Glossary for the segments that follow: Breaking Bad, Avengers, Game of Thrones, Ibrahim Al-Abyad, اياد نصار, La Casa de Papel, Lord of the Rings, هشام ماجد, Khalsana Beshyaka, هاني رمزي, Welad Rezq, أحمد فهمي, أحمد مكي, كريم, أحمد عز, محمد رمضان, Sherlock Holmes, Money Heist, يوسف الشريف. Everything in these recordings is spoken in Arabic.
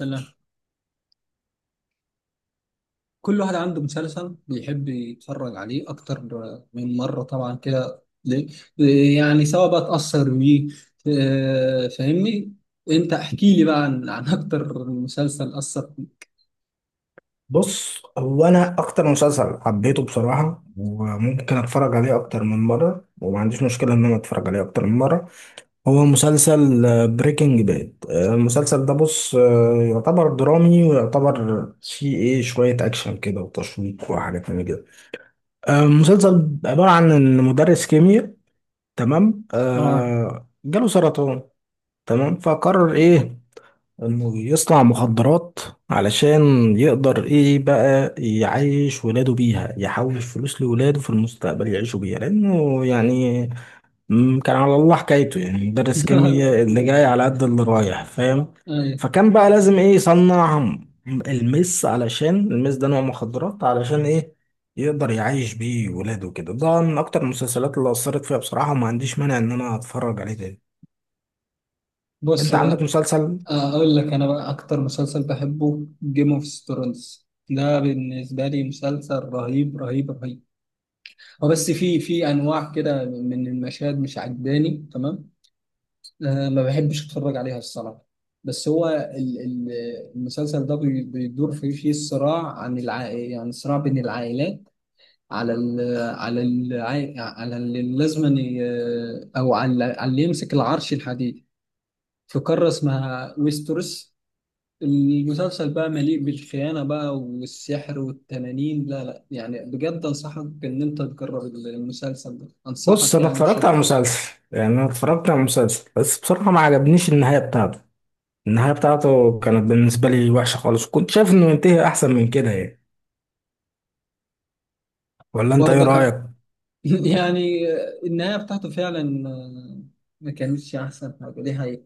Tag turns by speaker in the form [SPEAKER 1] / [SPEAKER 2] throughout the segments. [SPEAKER 1] الله، كل واحد عنده مسلسل بيحب يتفرج عليه أكتر من مرة. طبعا كده ليه؟ يعني سواء بقى اتأثر بيه. فاهمني. أنت احكي لي بقى عن أكتر مسلسل أثر فيك.
[SPEAKER 2] بص هو انا اكتر مسلسل حبيته بصراحه وممكن اتفرج عليه اكتر من مره وما عنديش مشكله ان انا اتفرج عليه اكتر من مره. هو مسلسل بريكنج باد. المسلسل ده بص يعتبر درامي ويعتبر فيه ايه شويه اكشن كده وتشويق وحاجات من كده. المسلسل عباره عن ان مدرس كيمياء، تمام،
[SPEAKER 1] آه.
[SPEAKER 2] جاله سرطان، تمام، فقرر ايه؟ انه يصنع مخدرات علشان يقدر ايه بقى يعيش ولاده بيها، يحوش فلوس لولاده في المستقبل يعيشوا بيها، لانه يعني كان على الله حكايته، يعني مدرس كيمياء اللي جاي على قد اللي رايح، فاهم؟
[SPEAKER 1] أيوة.
[SPEAKER 2] فكان بقى لازم ايه؟ يصنع المس، علشان المس ده نوع مخدرات، علشان ايه؟ يقدر يعيش بيه ولاده كده. ده من اكتر المسلسلات اللي اثرت فيها بصراحة، وما عنديش مانع ان انا اتفرج عليه تاني.
[SPEAKER 1] بص
[SPEAKER 2] انت عندك
[SPEAKER 1] بقى
[SPEAKER 2] مسلسل؟
[SPEAKER 1] أقول لك، أنا بقى أكتر مسلسل بحبه جيم أوف ثرونز. ده بالنسبة لي مسلسل رهيب رهيب رهيب. هو بس في أنواع كده من المشاهد مش عجباني تمام. أنا ما بحبش اتفرج عليها الصراحه. بس هو المسلسل ده بيدور فيه صراع عن يعني صراع بين العائلات على ال... على ال... على اللي لازما ي- او على اللي يمسك العرش الحديدي في قاره اسمها ويستروس. المسلسل بقى مليء بالخيانه بقى والسحر والتنانين. لا يعني بجد انصحك ان انت تجرب المسلسل ده،
[SPEAKER 2] بص
[SPEAKER 1] انصحك
[SPEAKER 2] انا
[SPEAKER 1] يعني
[SPEAKER 2] اتفرجت على
[SPEAKER 1] بشده.
[SPEAKER 2] المسلسل، يعني انا اتفرجت على المسلسل بس بصراحه ما عجبنيش النهايه بتاعته. النهايه بتاعته كانت بالنسبه لي وحشه خالص، كنت شايف انه ينتهي احسن من كده يعني. ولا انت ايه رايك؟
[SPEAKER 1] برضك. يعني النهاية بتاعته فعلا ما كانتش أحسن حاجة، دي حقيقة.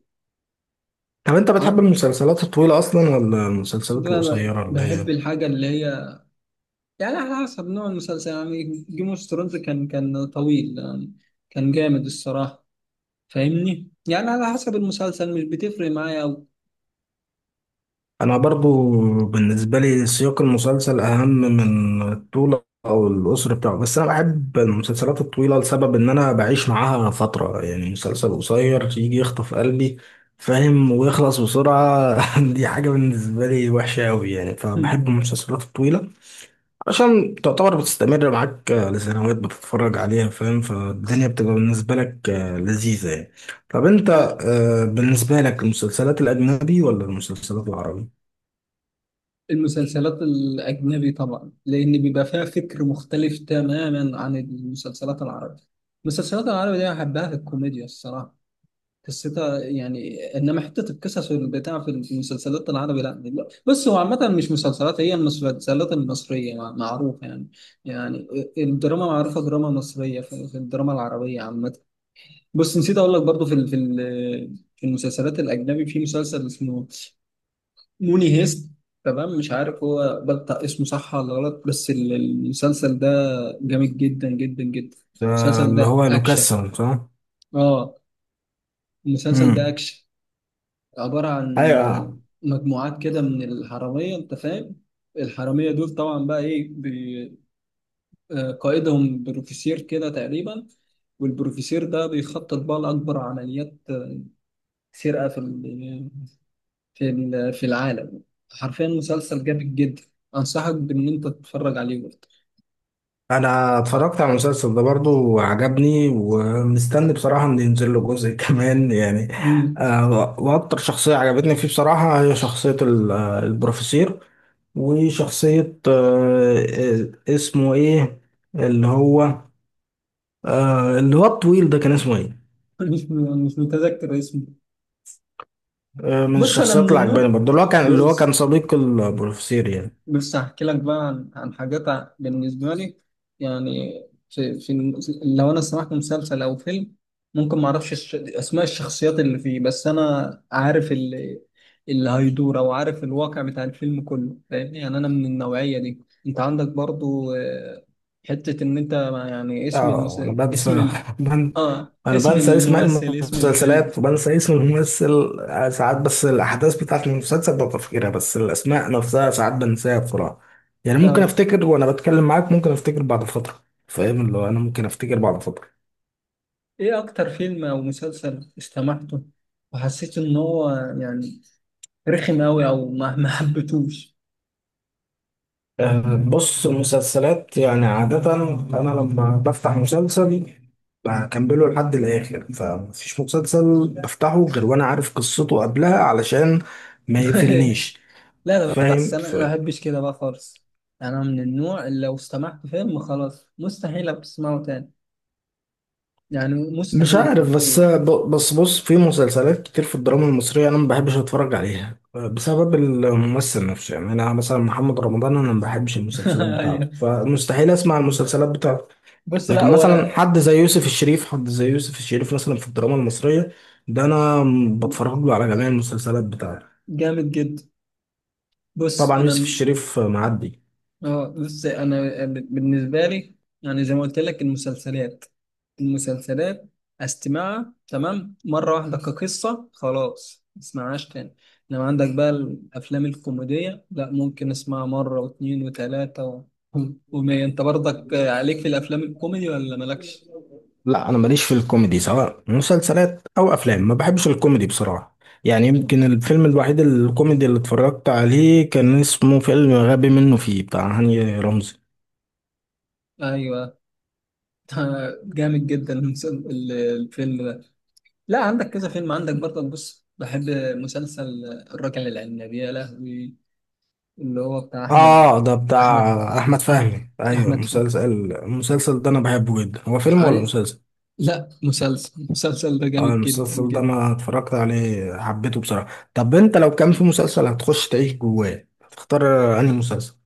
[SPEAKER 2] طب انت بتحب
[SPEAKER 1] آه.
[SPEAKER 2] المسلسلات الطويله اصلا ولا المسلسلات
[SPEAKER 1] لا
[SPEAKER 2] القصيره اللي
[SPEAKER 1] بحب
[SPEAKER 2] هي؟
[SPEAKER 1] الحاجة اللي هي، يعني على حسب نوع المسلسل. يعني جيم اوف ثرونز كان طويل يعني، كان جامد الصراحة. فاهمني؟ يعني على حسب المسلسل، مش بتفرق معايا أوي.
[SPEAKER 2] انا برضو بالنسبه لي سياق المسلسل اهم من الطول او القصر بتاعه، بس انا بحب المسلسلات الطويله لسبب ان انا بعيش معاها فتره، يعني مسلسل قصير يجي يخطف قلبي، فاهم؟ ويخلص بسرعه دي حاجه بالنسبه لي وحشه قوي يعني، فبحب المسلسلات الطويله عشان تعتبر بتستمر معاك لسنوات بتتفرج عليها، فاهم؟ فالدنيا بتبقى بالنسبه لك لذيذه يعني. طب انت، بالنسبه لك المسلسلات الاجنبي ولا المسلسلات العربي؟
[SPEAKER 1] المسلسلات الأجنبي طبعا، لأن بيبقى فيها فكر مختلف تماما عن المسلسلات العربية. المسلسلات العربية دي أحبها في الكوميديا الصراحة، قصتها يعني. انما حته القصص والبتاع في المسلسلات العربي، لا دي-. بس هو عامه مش مسلسلات، هي المسلسلات المصريه معروفه يعني. يعني الدراما معروفه، دراما مصريه في الدراما العربيه عامه. بص نسيت اقول لك برضو، في المسلسلات الاجنبي في مسلسل اسمه موني هيست. تمام مش عارف هو بلطق اسمه صح ولا غلط، بس المسلسل ده جامد جدا جدا جدا.
[SPEAKER 2] ده
[SPEAKER 1] المسلسل
[SPEAKER 2] اللي
[SPEAKER 1] ده
[SPEAKER 2] هو
[SPEAKER 1] اكشن.
[SPEAKER 2] لوكاسون صح؟
[SPEAKER 1] اه. المسلسل ده
[SPEAKER 2] امم.
[SPEAKER 1] اكشن، عبارة عن
[SPEAKER 2] ايوه، آه.
[SPEAKER 1] مجموعات كده من الحرامية، أنت فاهم. الحرامية دول طبعا بقى إيه قائدهم بروفيسير كده تقريبا، والبروفيسير ده بيخطط بقى لأكبر عمليات سرقة في العالم. حرفيا مسلسل جامد جدا، أنصحك بإن أنت تتفرج عليه برضه.
[SPEAKER 2] انا اتفرجت على المسلسل ده برضو وعجبني، ومستني بصراحة ان ينزل له جزء كمان يعني.
[SPEAKER 1] مم.
[SPEAKER 2] واكتر شخصية عجبتني فيه بصراحة هي شخصية البروفيسور، وشخصية اسمه ايه؟ اللي هو، اللي هو الطويل ده كان اسمه ايه؟
[SPEAKER 1] مش مش متذكر اسمه.
[SPEAKER 2] من
[SPEAKER 1] بص أنا
[SPEAKER 2] الشخصيات
[SPEAKER 1] من
[SPEAKER 2] اللي عجباني
[SPEAKER 1] النوع،
[SPEAKER 2] برضو، اللي هو كان، اللي هو كان
[SPEAKER 1] بص،
[SPEAKER 2] صديق البروفيسور يعني.
[SPEAKER 1] بس هحكي لك بقى عن حاجات بالنسبة لي. يعني في, في الم- لو أنا سمعت مسلسل أو فيلم ممكن ما أعرفش أسماء الشخصيات اللي فيه، بس أنا عارف اللي هيدور أو عارف الواقع بتاع الفيلم كله، فاهمني؟ يعني أنا من النوعية دي. أنت عندك برضو حتة إن أنت يعني اسم
[SPEAKER 2] اه انا
[SPEAKER 1] اسم
[SPEAKER 2] بنسى، بن...
[SPEAKER 1] آه
[SPEAKER 2] انا
[SPEAKER 1] اسم
[SPEAKER 2] بنسى اسم
[SPEAKER 1] الممثل، اسم الفيلم.
[SPEAKER 2] المسلسلات وبنسى اسم الممثل ساعات، بس الاحداث بتاعت المسلسل ببقى فاكرها، بس الاسماء نفسها ساعات بنساها بسرعه يعني. ممكن
[SPEAKER 1] آه.
[SPEAKER 2] افتكر وانا بتكلم معاك، ممكن افتكر بعد فتره، فاهم؟ اللي هو انا ممكن افتكر بعد فتره.
[SPEAKER 1] إيه أكتر فيلم أو مسلسل استمعته وحسيت إن هو يعني رخم أوي أو ما حبيتوش؟
[SPEAKER 2] بص المسلسلات يعني عاده انا لما بفتح مسلسل بكمله لحد الاخر، فمفيش مسلسل بفتحه غير وانا عارف قصته قبلها علشان ما يقفلنيش،
[SPEAKER 1] لا لا، بس
[SPEAKER 2] فاهم؟
[SPEAKER 1] أنا ما بحبش كده بقى خالص. أنا من النوع اللي لو استمعت فيلم خلاص مستحيل أبقى أسمعه تاني، يعني
[SPEAKER 2] مش
[SPEAKER 1] مستحيل
[SPEAKER 2] عارف بس
[SPEAKER 1] حرفيا.
[SPEAKER 2] ب- بس بص، في مسلسلات كتير في الدراما المصرية أنا ما بحبش أتفرج عليها بسبب الممثل نفسه، يعني أنا مثلا محمد رمضان، أنا ما بحبش المسلسلات بتاعته
[SPEAKER 1] أيوه.
[SPEAKER 2] فمستحيل أسمع المسلسلات بتاعته.
[SPEAKER 1] بص
[SPEAKER 2] لكن
[SPEAKER 1] لا
[SPEAKER 2] مثلا
[SPEAKER 1] وأنا.
[SPEAKER 2] حد زي يوسف الشريف حد زي يوسف الشريف مثلا في الدراما المصرية، ده بتفرج له على جميع المسلسلات بتاعته.
[SPEAKER 1] جامد جدا. بص
[SPEAKER 2] طبعا يوسف
[SPEAKER 1] أنا،
[SPEAKER 2] الشريف.
[SPEAKER 1] اه بص انا، بالنسبه لي يعني زي ما قلت لك، المسلسلات المسلسلات استمعها تمام مره واحده كقصه، خلاص ما اسمعهاش تاني. لما عندك بقى الافلام الكوميديه، لا ممكن اسمعها مره واثنين وثلاثه ومية. انت برضك
[SPEAKER 2] معدي.
[SPEAKER 1] عليك في الافلام الكوميدي ولا مالكش؟
[SPEAKER 2] لا انا ماليش في الكوميدي، سواء مسلسلات او افلام، ما بحبش الكوميدي بصراحه. يعني يمكن الفيلم الوحيد الكوميدي اللي اتفرجت عليه كان اسمه فيلم غبي منه فيه بتاع هاني رمزي.
[SPEAKER 1] ايوه. جامد جدا الفيلم ده. لا عندك كذا فيلم، عندك برضك، بص بحب مسلسل الراجل العناب يا لهوي، اللي هو بتاع
[SPEAKER 2] اه ده
[SPEAKER 1] احمد
[SPEAKER 2] بتاع احمد
[SPEAKER 1] احمد
[SPEAKER 2] فهمي، ايوه
[SPEAKER 1] احمد فهمي.
[SPEAKER 2] المسلسل ده انا بحبه جدا، هو فيلم ولا
[SPEAKER 1] عاي-
[SPEAKER 2] مسلسل؟
[SPEAKER 1] لا مسلسل، المسلسل ده
[SPEAKER 2] اه
[SPEAKER 1] جامد جدا
[SPEAKER 2] المسلسل ده
[SPEAKER 1] جدا.
[SPEAKER 2] انا اتفرجت عليه حبيته بصراحه. طب انت لو كان في مسلسل هتخش تعيش جواه، هتختار انهي مسلسل؟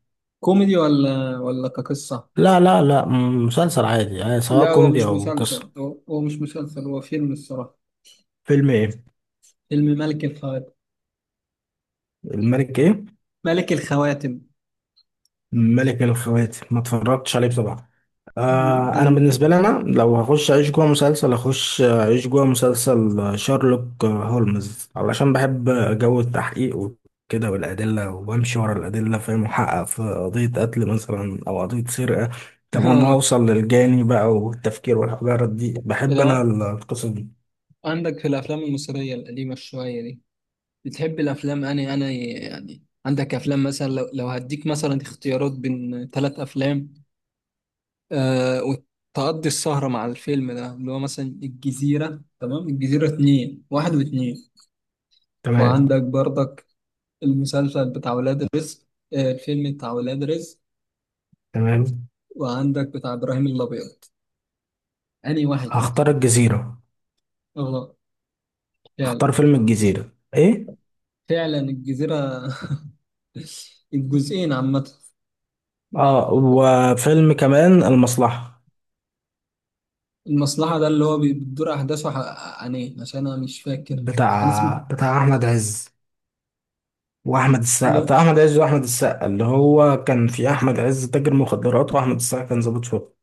[SPEAKER 1] كوميدي ولا كقصة؟
[SPEAKER 2] لا، مسلسل عادي يعني، سواء
[SPEAKER 1] لا هو
[SPEAKER 2] كوميدي
[SPEAKER 1] مش
[SPEAKER 2] او قصه.
[SPEAKER 1] مسلسل، هو مش مسلسل، هو فيلم الصراحة.
[SPEAKER 2] فيلم ايه؟
[SPEAKER 1] فيلم ملك الخواتم.
[SPEAKER 2] الملك ايه؟
[SPEAKER 1] ملك الخواتم
[SPEAKER 2] ملك الخواتم ما اتفرجتش عليه بصراحه. آه انا بالنسبه
[SPEAKER 1] جامد.
[SPEAKER 2] لي انا لو هخش اعيش جوه مسلسل، اخش اعيش جوه مسلسل شارلوك هولمز، علشان بحب جو التحقيق وكده والادله، وامشي ورا الادله، فاهم؟ محقق في قضيه قتل مثلا او قضيه سرقه، طب اما
[SPEAKER 1] اه
[SPEAKER 2] اوصل للجاني بقى، والتفكير والحجارات دي، بحب انا
[SPEAKER 1] لو
[SPEAKER 2] القصص دي.
[SPEAKER 1] عندك في الافلام المصرية القديمة شوية دي، بتحب الافلام؟ انا يعني عندك افلام، مثلا لو هديك مثلا اختيارات بين ثلاث افلام، آه، وتقضي السهرة مع الفيلم ده، اللي هو مثلا الجزيرة، تمام، الجزيرة اتنين، واحد واتنين،
[SPEAKER 2] تمام.
[SPEAKER 1] وعندك برضك المسلسل بتاع ولاد رزق، آه الفيلم بتاع ولاد رزق،
[SPEAKER 2] تمام.
[SPEAKER 1] وعندك بتاع إبراهيم الأبيض. أنهي واحد؟
[SPEAKER 2] هختار الجزيره.
[SPEAKER 1] اه فعلا.
[SPEAKER 2] هختار فيلم الجزيره ايه.
[SPEAKER 1] فعلا الجزيرة. الجزئين عامة.
[SPEAKER 2] اه وفيلم كمان المصلحة.
[SPEAKER 1] المصلحة ده اللي هو بتدور أحداثه عن إيه؟ عشان أنا مش فاكر أنا
[SPEAKER 2] بتاع
[SPEAKER 1] اسمه.
[SPEAKER 2] بتاع أحمد عز وأحمد السقا،
[SPEAKER 1] لا
[SPEAKER 2] بتاع أحمد عز وأحمد السقا، اللي هو كان في أحمد عز تاجر مخدرات وأحمد السقا كان ضابط شرطة.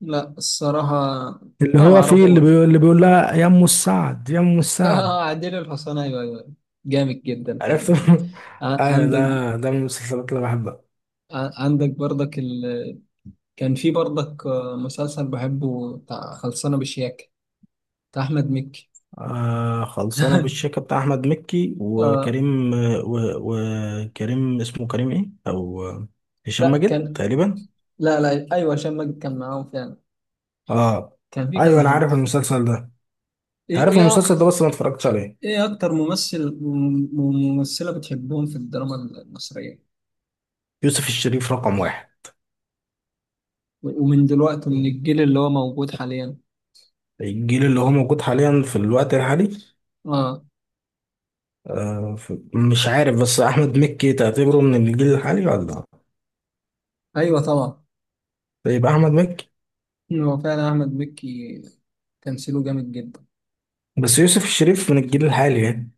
[SPEAKER 1] لا الصراحة،
[SPEAKER 2] اللي
[SPEAKER 1] لا
[SPEAKER 2] هو فيه
[SPEAKER 1] معرفوش.
[SPEAKER 2] اللي بيقول لها يا أم السعد يا أم السعد.
[SPEAKER 1] اه عديل الحصان، ايوه ايوه، جامد جدا
[SPEAKER 2] عرفت
[SPEAKER 1] فعلا.
[SPEAKER 2] أيوة،
[SPEAKER 1] عندك،
[SPEAKER 2] ده ده من المسلسلات اللي بحبها.
[SPEAKER 1] عندك برضك كان في برضك مسلسل بحبه بتاع خلصانه بشياكه، بتاع احمد مكي.
[SPEAKER 2] آه خلصانة بالشيكة بتاع أحمد مكي
[SPEAKER 1] آه.
[SPEAKER 2] وكريم، وكريم اسمه كريم إيه، أو هشام
[SPEAKER 1] لا
[SPEAKER 2] ماجد
[SPEAKER 1] كان،
[SPEAKER 2] تقريبا.
[SPEAKER 1] لا لا ايوه هشام ماجد كان معاهم فعلا.
[SPEAKER 2] اه
[SPEAKER 1] كان في
[SPEAKER 2] ايوه
[SPEAKER 1] كذا
[SPEAKER 2] انا
[SPEAKER 1] حد.
[SPEAKER 2] عارف المسلسل ده،
[SPEAKER 1] ايه
[SPEAKER 2] عارف
[SPEAKER 1] ايه
[SPEAKER 2] المسلسل ده بس ما اتفرجتش عليه.
[SPEAKER 1] ايه اكتر ممثل وممثله بتحبهم في الدراما المصريه؟
[SPEAKER 2] يوسف الشريف رقم واحد.
[SPEAKER 1] ومن دلوقتي، من الجيل اللي هو موجود حاليا.
[SPEAKER 2] الجيل اللي هو موجود حاليا، في الوقت الحالي.
[SPEAKER 1] اه
[SPEAKER 2] آه مش عارف، بس احمد مكي تعتبره من الجيل الحالي ولا؟
[SPEAKER 1] ايوه طبعا،
[SPEAKER 2] يبقى احمد مكي.
[SPEAKER 1] هو فعلا احمد مكي، تمثيله جامد جدا.
[SPEAKER 2] بس يوسف الشريف من الجيل الحالي يعني.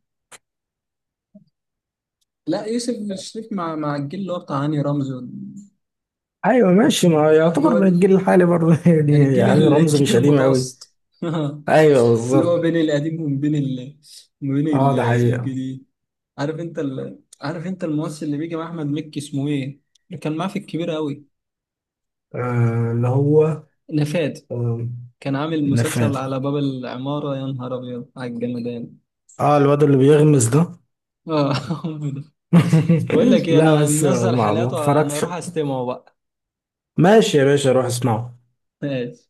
[SPEAKER 1] لا يوسف الشريف مع الجيل اللي هو بتاع هاني رمزي
[SPEAKER 2] ايوه ماشي، ما
[SPEAKER 1] هو
[SPEAKER 2] يعتبر من
[SPEAKER 1] ده.
[SPEAKER 2] الجيل الحالي برضه
[SPEAKER 1] يعني
[SPEAKER 2] يعني، يعني رمز
[SPEAKER 1] الجيل
[SPEAKER 2] مش قديم قوي.
[SPEAKER 1] المتوسط.
[SPEAKER 2] ايوه
[SPEAKER 1] اللي
[SPEAKER 2] بالظبط.
[SPEAKER 1] هو بين القديم وبين وبين
[SPEAKER 2] اه ده حقيقة.
[SPEAKER 1] الجديد. عارف انت عارف انت الممثل اللي بيجي مع احمد مكي اسمه ايه؟ اللي كان معاه في الكبير قوي،
[SPEAKER 2] آه اللي هو،
[SPEAKER 1] نفاد.
[SPEAKER 2] آه
[SPEAKER 1] كان عامل
[SPEAKER 2] نفاد.
[SPEAKER 1] مسلسل على باب العمارة يا نهار ابيض على الجمدان.
[SPEAKER 2] اه الواد اللي بيغمز ده
[SPEAKER 1] اه هو ده. بقول لك ايه،
[SPEAKER 2] لا
[SPEAKER 1] انا
[SPEAKER 2] بس
[SPEAKER 1] منزل
[SPEAKER 2] ما
[SPEAKER 1] حالاته، انا
[SPEAKER 2] اتفرجتش.
[SPEAKER 1] اروح استمعه بقى.
[SPEAKER 2] ماشي يا باشا، روح اسمعه.
[SPEAKER 1] ماشي.